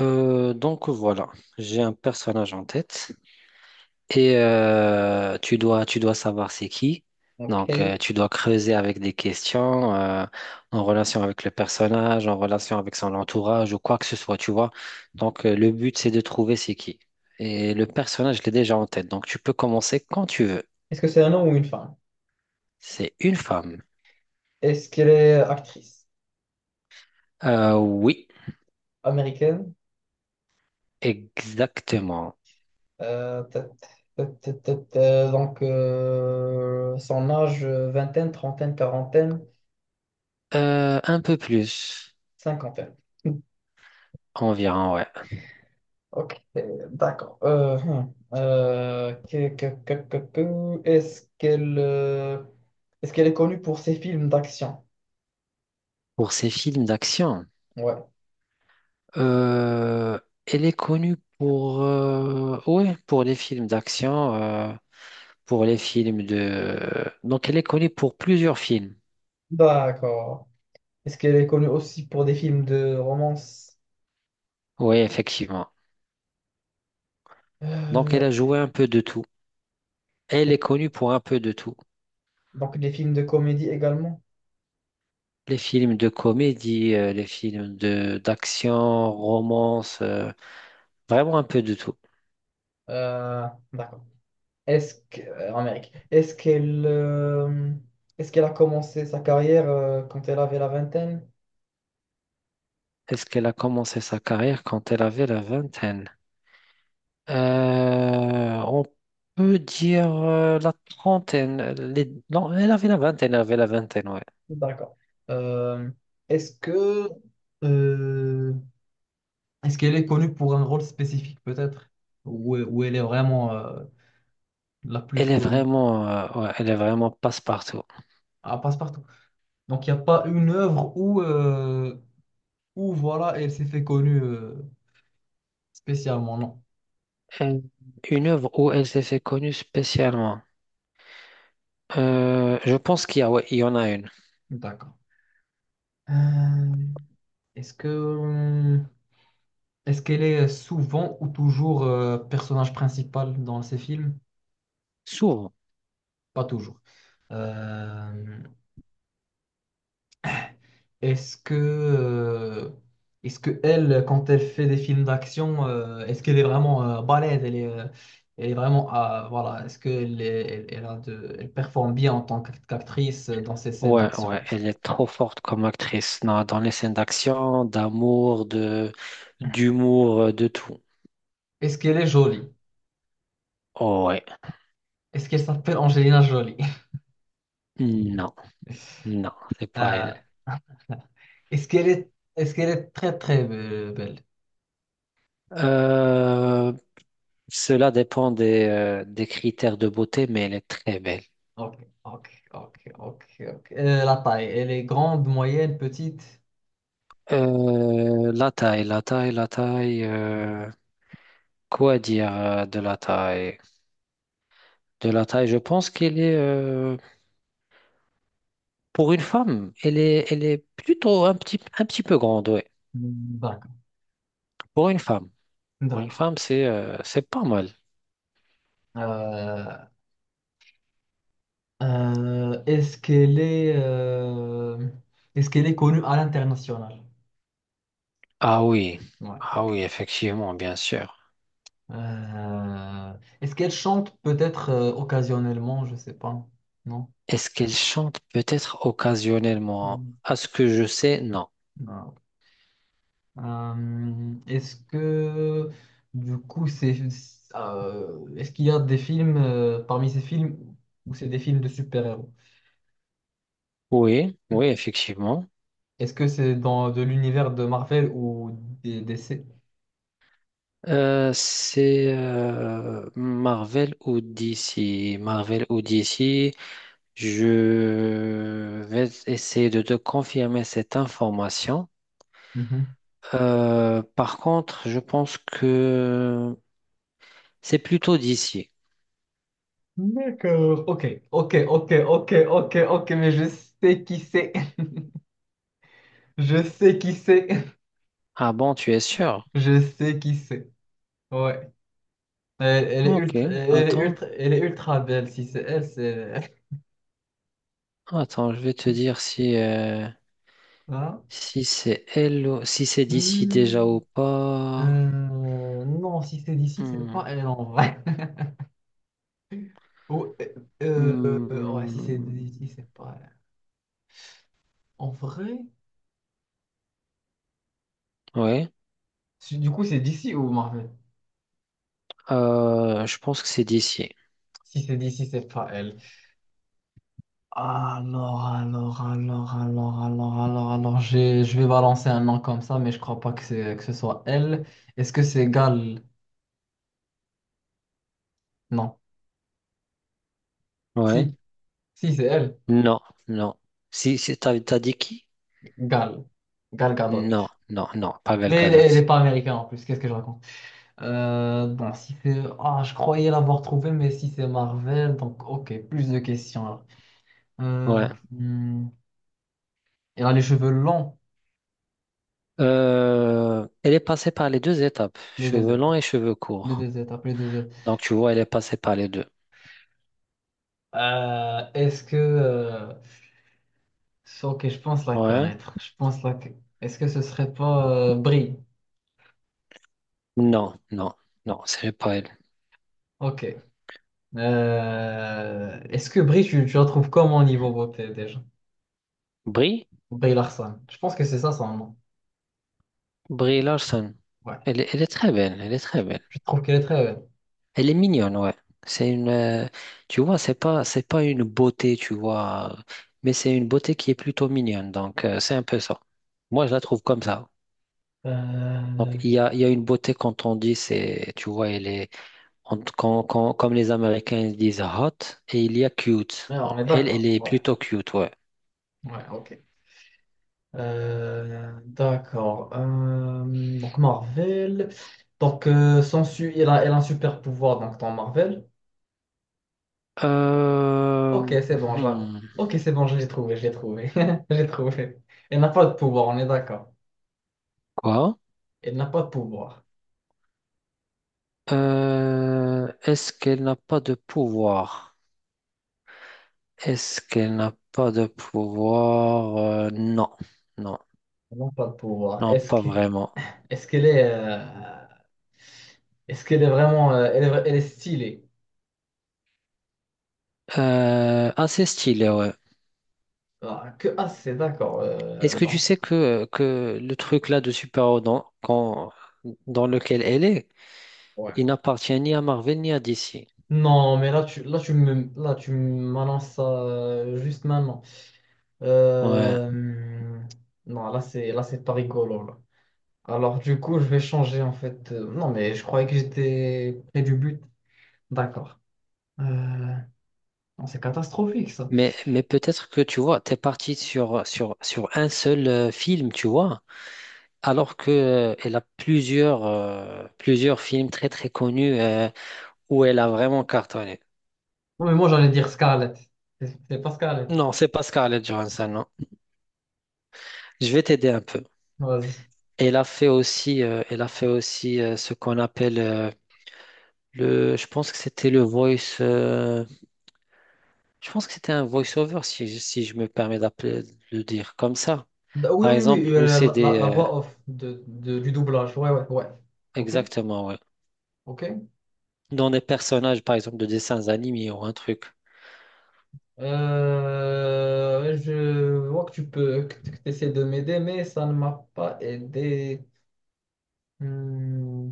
Donc voilà, j'ai un personnage en tête et tu dois savoir c'est qui. Ok. Donc Est-ce euh, tu dois creuser avec des questions en relation avec le personnage, en relation avec son entourage ou quoi que ce soit, tu vois. Donc le but c'est de trouver c'est qui. Et le personnage, je l'ai déjà en tête, donc tu peux commencer quand tu veux. que c'est un homme ou une femme? C'est une femme. Est-ce qu'elle est actrice Oui, américaine? exactement. Euh, ta- donc, son âge, vingtaine, trentaine, quarantaine, Un peu plus, cinquantaine. environ, ouais. Ok, d'accord. Hmm. Que- est-ce qu'elle est connue pour ses films d'action? Pour ces films d'action. Ouais. Euh, Elle est connue pour, ouais, pour les films d'action, pour les films de... Donc, elle est connue pour plusieurs films. D'accord. Est-ce qu'elle est connue aussi pour des films de romance? Oui, effectivement. Donc, elle Euh, a joué un peu de tout. Elle et- est connue pour un peu de tout. donc des films de comédie également? Les films de comédie, les films de d'action, romance, vraiment un peu de tout. Euh, d'accord. En Amérique, est-ce qu'elle a commencé sa carrière quand elle avait la vingtaine? Est-ce qu'elle a commencé sa carrière quand elle avait la vingtaine? On peut dire la trentaine. Non, elle avait la vingtaine, ouais. D'accord. Euh, est-ce que euh, est-ce qu'elle est connue pour un rôle spécifique peut-être? Ou elle est vraiment la plus Elle est connue? vraiment, ouais, elle est vraiment passe-partout. Ah, passe-partout. Donc il n'y a pas une œuvre où voilà, elle s'est fait connue spécialement, non. Euh, Une œuvre où elle s'est fait connue spécialement. Je pense qu'il y a, ouais, il y en a une. D'accord. Euh, est-ce que hum, Est-ce qu'elle est souvent ou toujours personnage principal dans ces films? Souvent. Pas toujours. Euh, est-ce que, euh, est-ce que elle, quand elle fait des films d'action, est-ce qu'elle est vraiment balèze? Elle est vraiment, ah, voilà. Est-ce qu'elle elle performe bien en tant qu'qu'actrice dans ses scènes Ouais, d'action et ouais, tout ça? elle est trop forte comme actrice. Non, dans les scènes d'action, d'amour, de, d'humour, de tout. Est-ce qu'elle est jolie? Oh, ouais. Est-ce qu'elle s'appelle Angelina Jolie? Non, non, c'est pas elle. Euh, est-ce qu'elle est très très belle? Euh, Cela dépend des critères de beauté, mais elle est très belle. Ok, ok, ok, ok, ok. La taille, elle est grande, moyenne, petite? La taille, la taille, la taille. Quoi dire de la taille? De la taille, je pense qu'elle est, pour une femme, elle est plutôt un petit peu grande, ouais. Hmm, d'accord, Pour une femme. Pour une d'accord. femme, c'est pas mal. Euh, euh, est-ce qu'elle est, euh, est-ce qu'elle est connue à l'international? Ah oui, Ouais, ah ok. oui, effectivement, bien sûr. Euh, est-ce qu'elle chante peut-être occasionnellement? Je sais pas. Non? Est-ce qu'elle chante peut-être occasionnellement? Hmm, À ce que je sais, non. non, ok. Est-ce que du coup c'est est-ce qu'il y a des films parmi ces films où c'est des films de super-héros? Oui, oui, effectivement. Est-ce que c'est dans de l'univers de Marvel ou des DC? C'est Marvel ou DC. Marvel ou DC, je vais essayer de te confirmer cette information. Mhm. Par contre, je pense que c'est plutôt DC. D'accord. Ok, ok, ok, ok, ok, ok, mais je sais qui c'est. Je sais qui c'est. Ah bon, tu es sûr? Je sais qui c'est. Ouais. Elle est Ok, ultra, elle est attends, ultra, elle est ultra belle. Si c'est elle, c'est. attends, je vais te dire si, Hein? si c'est elle, si c'est DC déjà Hmm. ou pas. Non, si c'est d'ici, c'est Hmm, pas elle en vrai. Ou- euh, hmm, euh, ouais, si c'est d'ici, hmm, c'est pas elle. En vrai? hmm, ouais, Du coup, c'est d'ici ou Marvel? Je pense que c'est DC. Si c'est d'ici, c'est pas elle. Alors, alors, alors, alors, alors, alors, je vais balancer un nom comme ça, mais je crois pas que ce soit elle. Est-ce que c'est Gal? Non. Ouais. Si, si, c'est elle. Non, non. Si, si t'as dit qui? Gal. Gal Non, Gadot. non, non, Pavel Mais elle Gadot. elle est pas américaine en plus, qu'est-ce que je raconte? Bon, si c'est... Ah, je croyais l'avoir trouvé, mais si c'est Marvel, donc ok, plus de questions, alors. Euh, Ouais. hmm, elle a les cheveux longs. Elle est passée par les deux étapes, Les deux cheveux longs étapes. et cheveux Les courts. deux étapes, les deux étapes. Donc tu vois, elle est passée par les deux. Euh, est-ce que... euh, Sauf que je pense la Ouais. connaître. Est-ce que ce serait pas Brie? Non, non, non, c'est pas elle. Ok. Est-ce que Brie, tu la trouves comment au niveau beauté déjà? Brie? Brie Larson. Je pense que c'est ça son nom. Brie Larson. Ouais. Elle est très belle, elle est très belle. Je trouve qu'elle est très belle. Elle est mignonne, ouais. C'est une, tu vois, c'est pas une beauté, tu vois, mais c'est une beauté qui est plutôt mignonne. Donc c'est un peu ça. Moi, je la trouve comme ça. Donc, Euh, il y a une beauté quand on dit, c'est, tu vois, elle est, comme les Américains ils disent hot, et il y a cute. ouais, Donc, on est elle, elle d'accord. est Ouais. plutôt cute, ouais. Ouais, ok. D'accord. Donc Marvel. Donc, son su- il a, elle a un super pouvoir donc, dans Marvel. Euh, Ok, c'est bon. Hmm, Ok, c'est bon, je l'ai trouvé, je l'ai trouvé. Je l'ai trouvé. Elle n'a pas de pouvoir, on est d'accord. quoi? Elle n'a pas de pouvoir. Est-ce qu'elle n'a pas de pouvoir? Est-ce qu'elle n'a pas de pouvoir? Non, non, Elle n'a pas de pouvoir. non, pas vraiment. Est-ce qu'elle est... euh, Est-ce qu'elle est vraiment... Elle est stylée. Assez stylé, ouais. Ah, c'est d'accord. Est-ce que tu Non. sais que le truc là de super-héros dans lequel elle est, Ouais. il n'appartient ni à Marvel ni à DC. Non, mais là, là, tu m'annonces ça juste maintenant. Ouais. Euh, Non, là, c'est pas rigolo, là. Alors, du coup, je vais changer, en fait. Non, mais je croyais que j'étais près du but. D'accord. Euh, non, c'est catastrophique ça. Mais peut-être que tu vois, t'es parti sur un seul film, tu vois, alors que elle a plusieurs, plusieurs films très très connus où elle a vraiment cartonné. Non, mais moi j'allais dire Scarlett. C'est pas Scarlett. Non, c'est pas Scarlett Johansson, non. Je vais t'aider un peu. Vas-y. Elle a fait aussi ce qu'on appelle je pense que c'était le voice, je pense que c'était un voice-over si, si je me permets d'appeler, de le dire comme ça. Bah oui, Par oui, exemple, oui, où c'est des, la voix off du doublage. Ouais, ouais, ouais. Ok, exactement, ouais. ok. Dans des personnages, par exemple, de dessins animés ou un truc. Je vois que tu essaies de m'aider, mais ça ne m'a pas aidé. Hmm.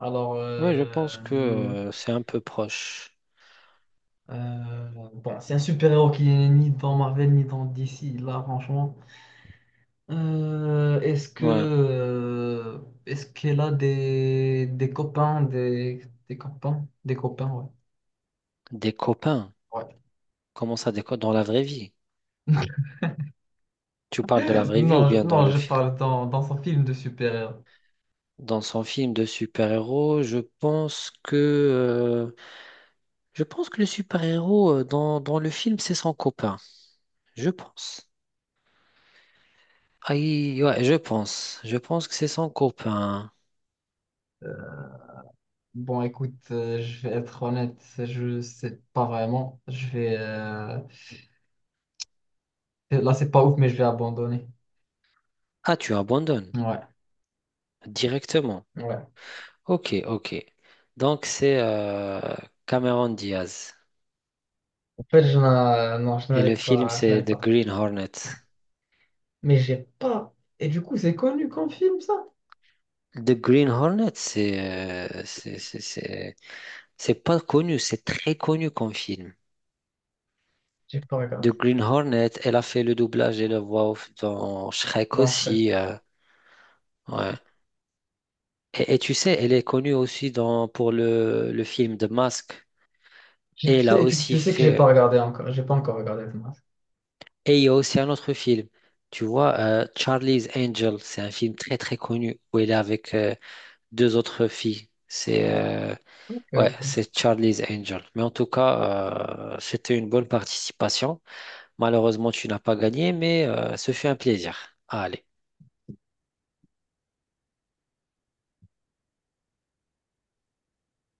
Alors, Ouais, je pense que c'est un peu proche. euh, bon, c'est un super-héros qui n'est ni dans Marvel ni dans DC. Là, franchement. Euh, est-ce que Ouais. euh, est-ce qu'elle a des copains, Des copains. ouais. Comment ça, des copains? Dans la vraie vie. Ouais. Tu parles de la vraie vie ou Non, bien dans le je film? parle dans son film de super-héros. Dans son film de super-héros, je pense que le super-héros dans le film, c'est son copain. Je pense. Aïe, ouais, je pense. Je pense que c'est son copain. Bon, écoute, je vais être honnête, je sais pas vraiment. Je vais là, c'est pas ouf, mais je vais abandonner. Ah, tu abandonnes Ouais, directement. ouais. Ok, ok. Donc c'est Cameron Diaz. En fait, je n'a- non, Et le film, je n'allais c'est The pas attraper. Green Hornet. Mais j'ai pas. Et du coup, c'est connu comme film, ça? The Green Hornet, c'est euh, c'est c'est- c'est- c'est pas connu, c'est très connu comme film. J'ai pas The regardé. Green Hornet, elle a fait le doublage et la voix off dans Shrek Bon, je serai- aussi. Ouais. Et tu sais, elle est connue aussi pour le film The Mask. Et Tu elle a sais, aussi tu sais que fait. J'ai pas encore regardé Thomas. Et il y a aussi un autre film. Tu vois, Charlie's Angel, c'est un film très très connu où elle est avec deux autres filles. C'est Ok, ouais, ok. c'est Charlie's Angel. Mais en tout cas, c'était une bonne participation. Malheureusement, tu n'as pas gagné, mais ce fut un plaisir. Allez.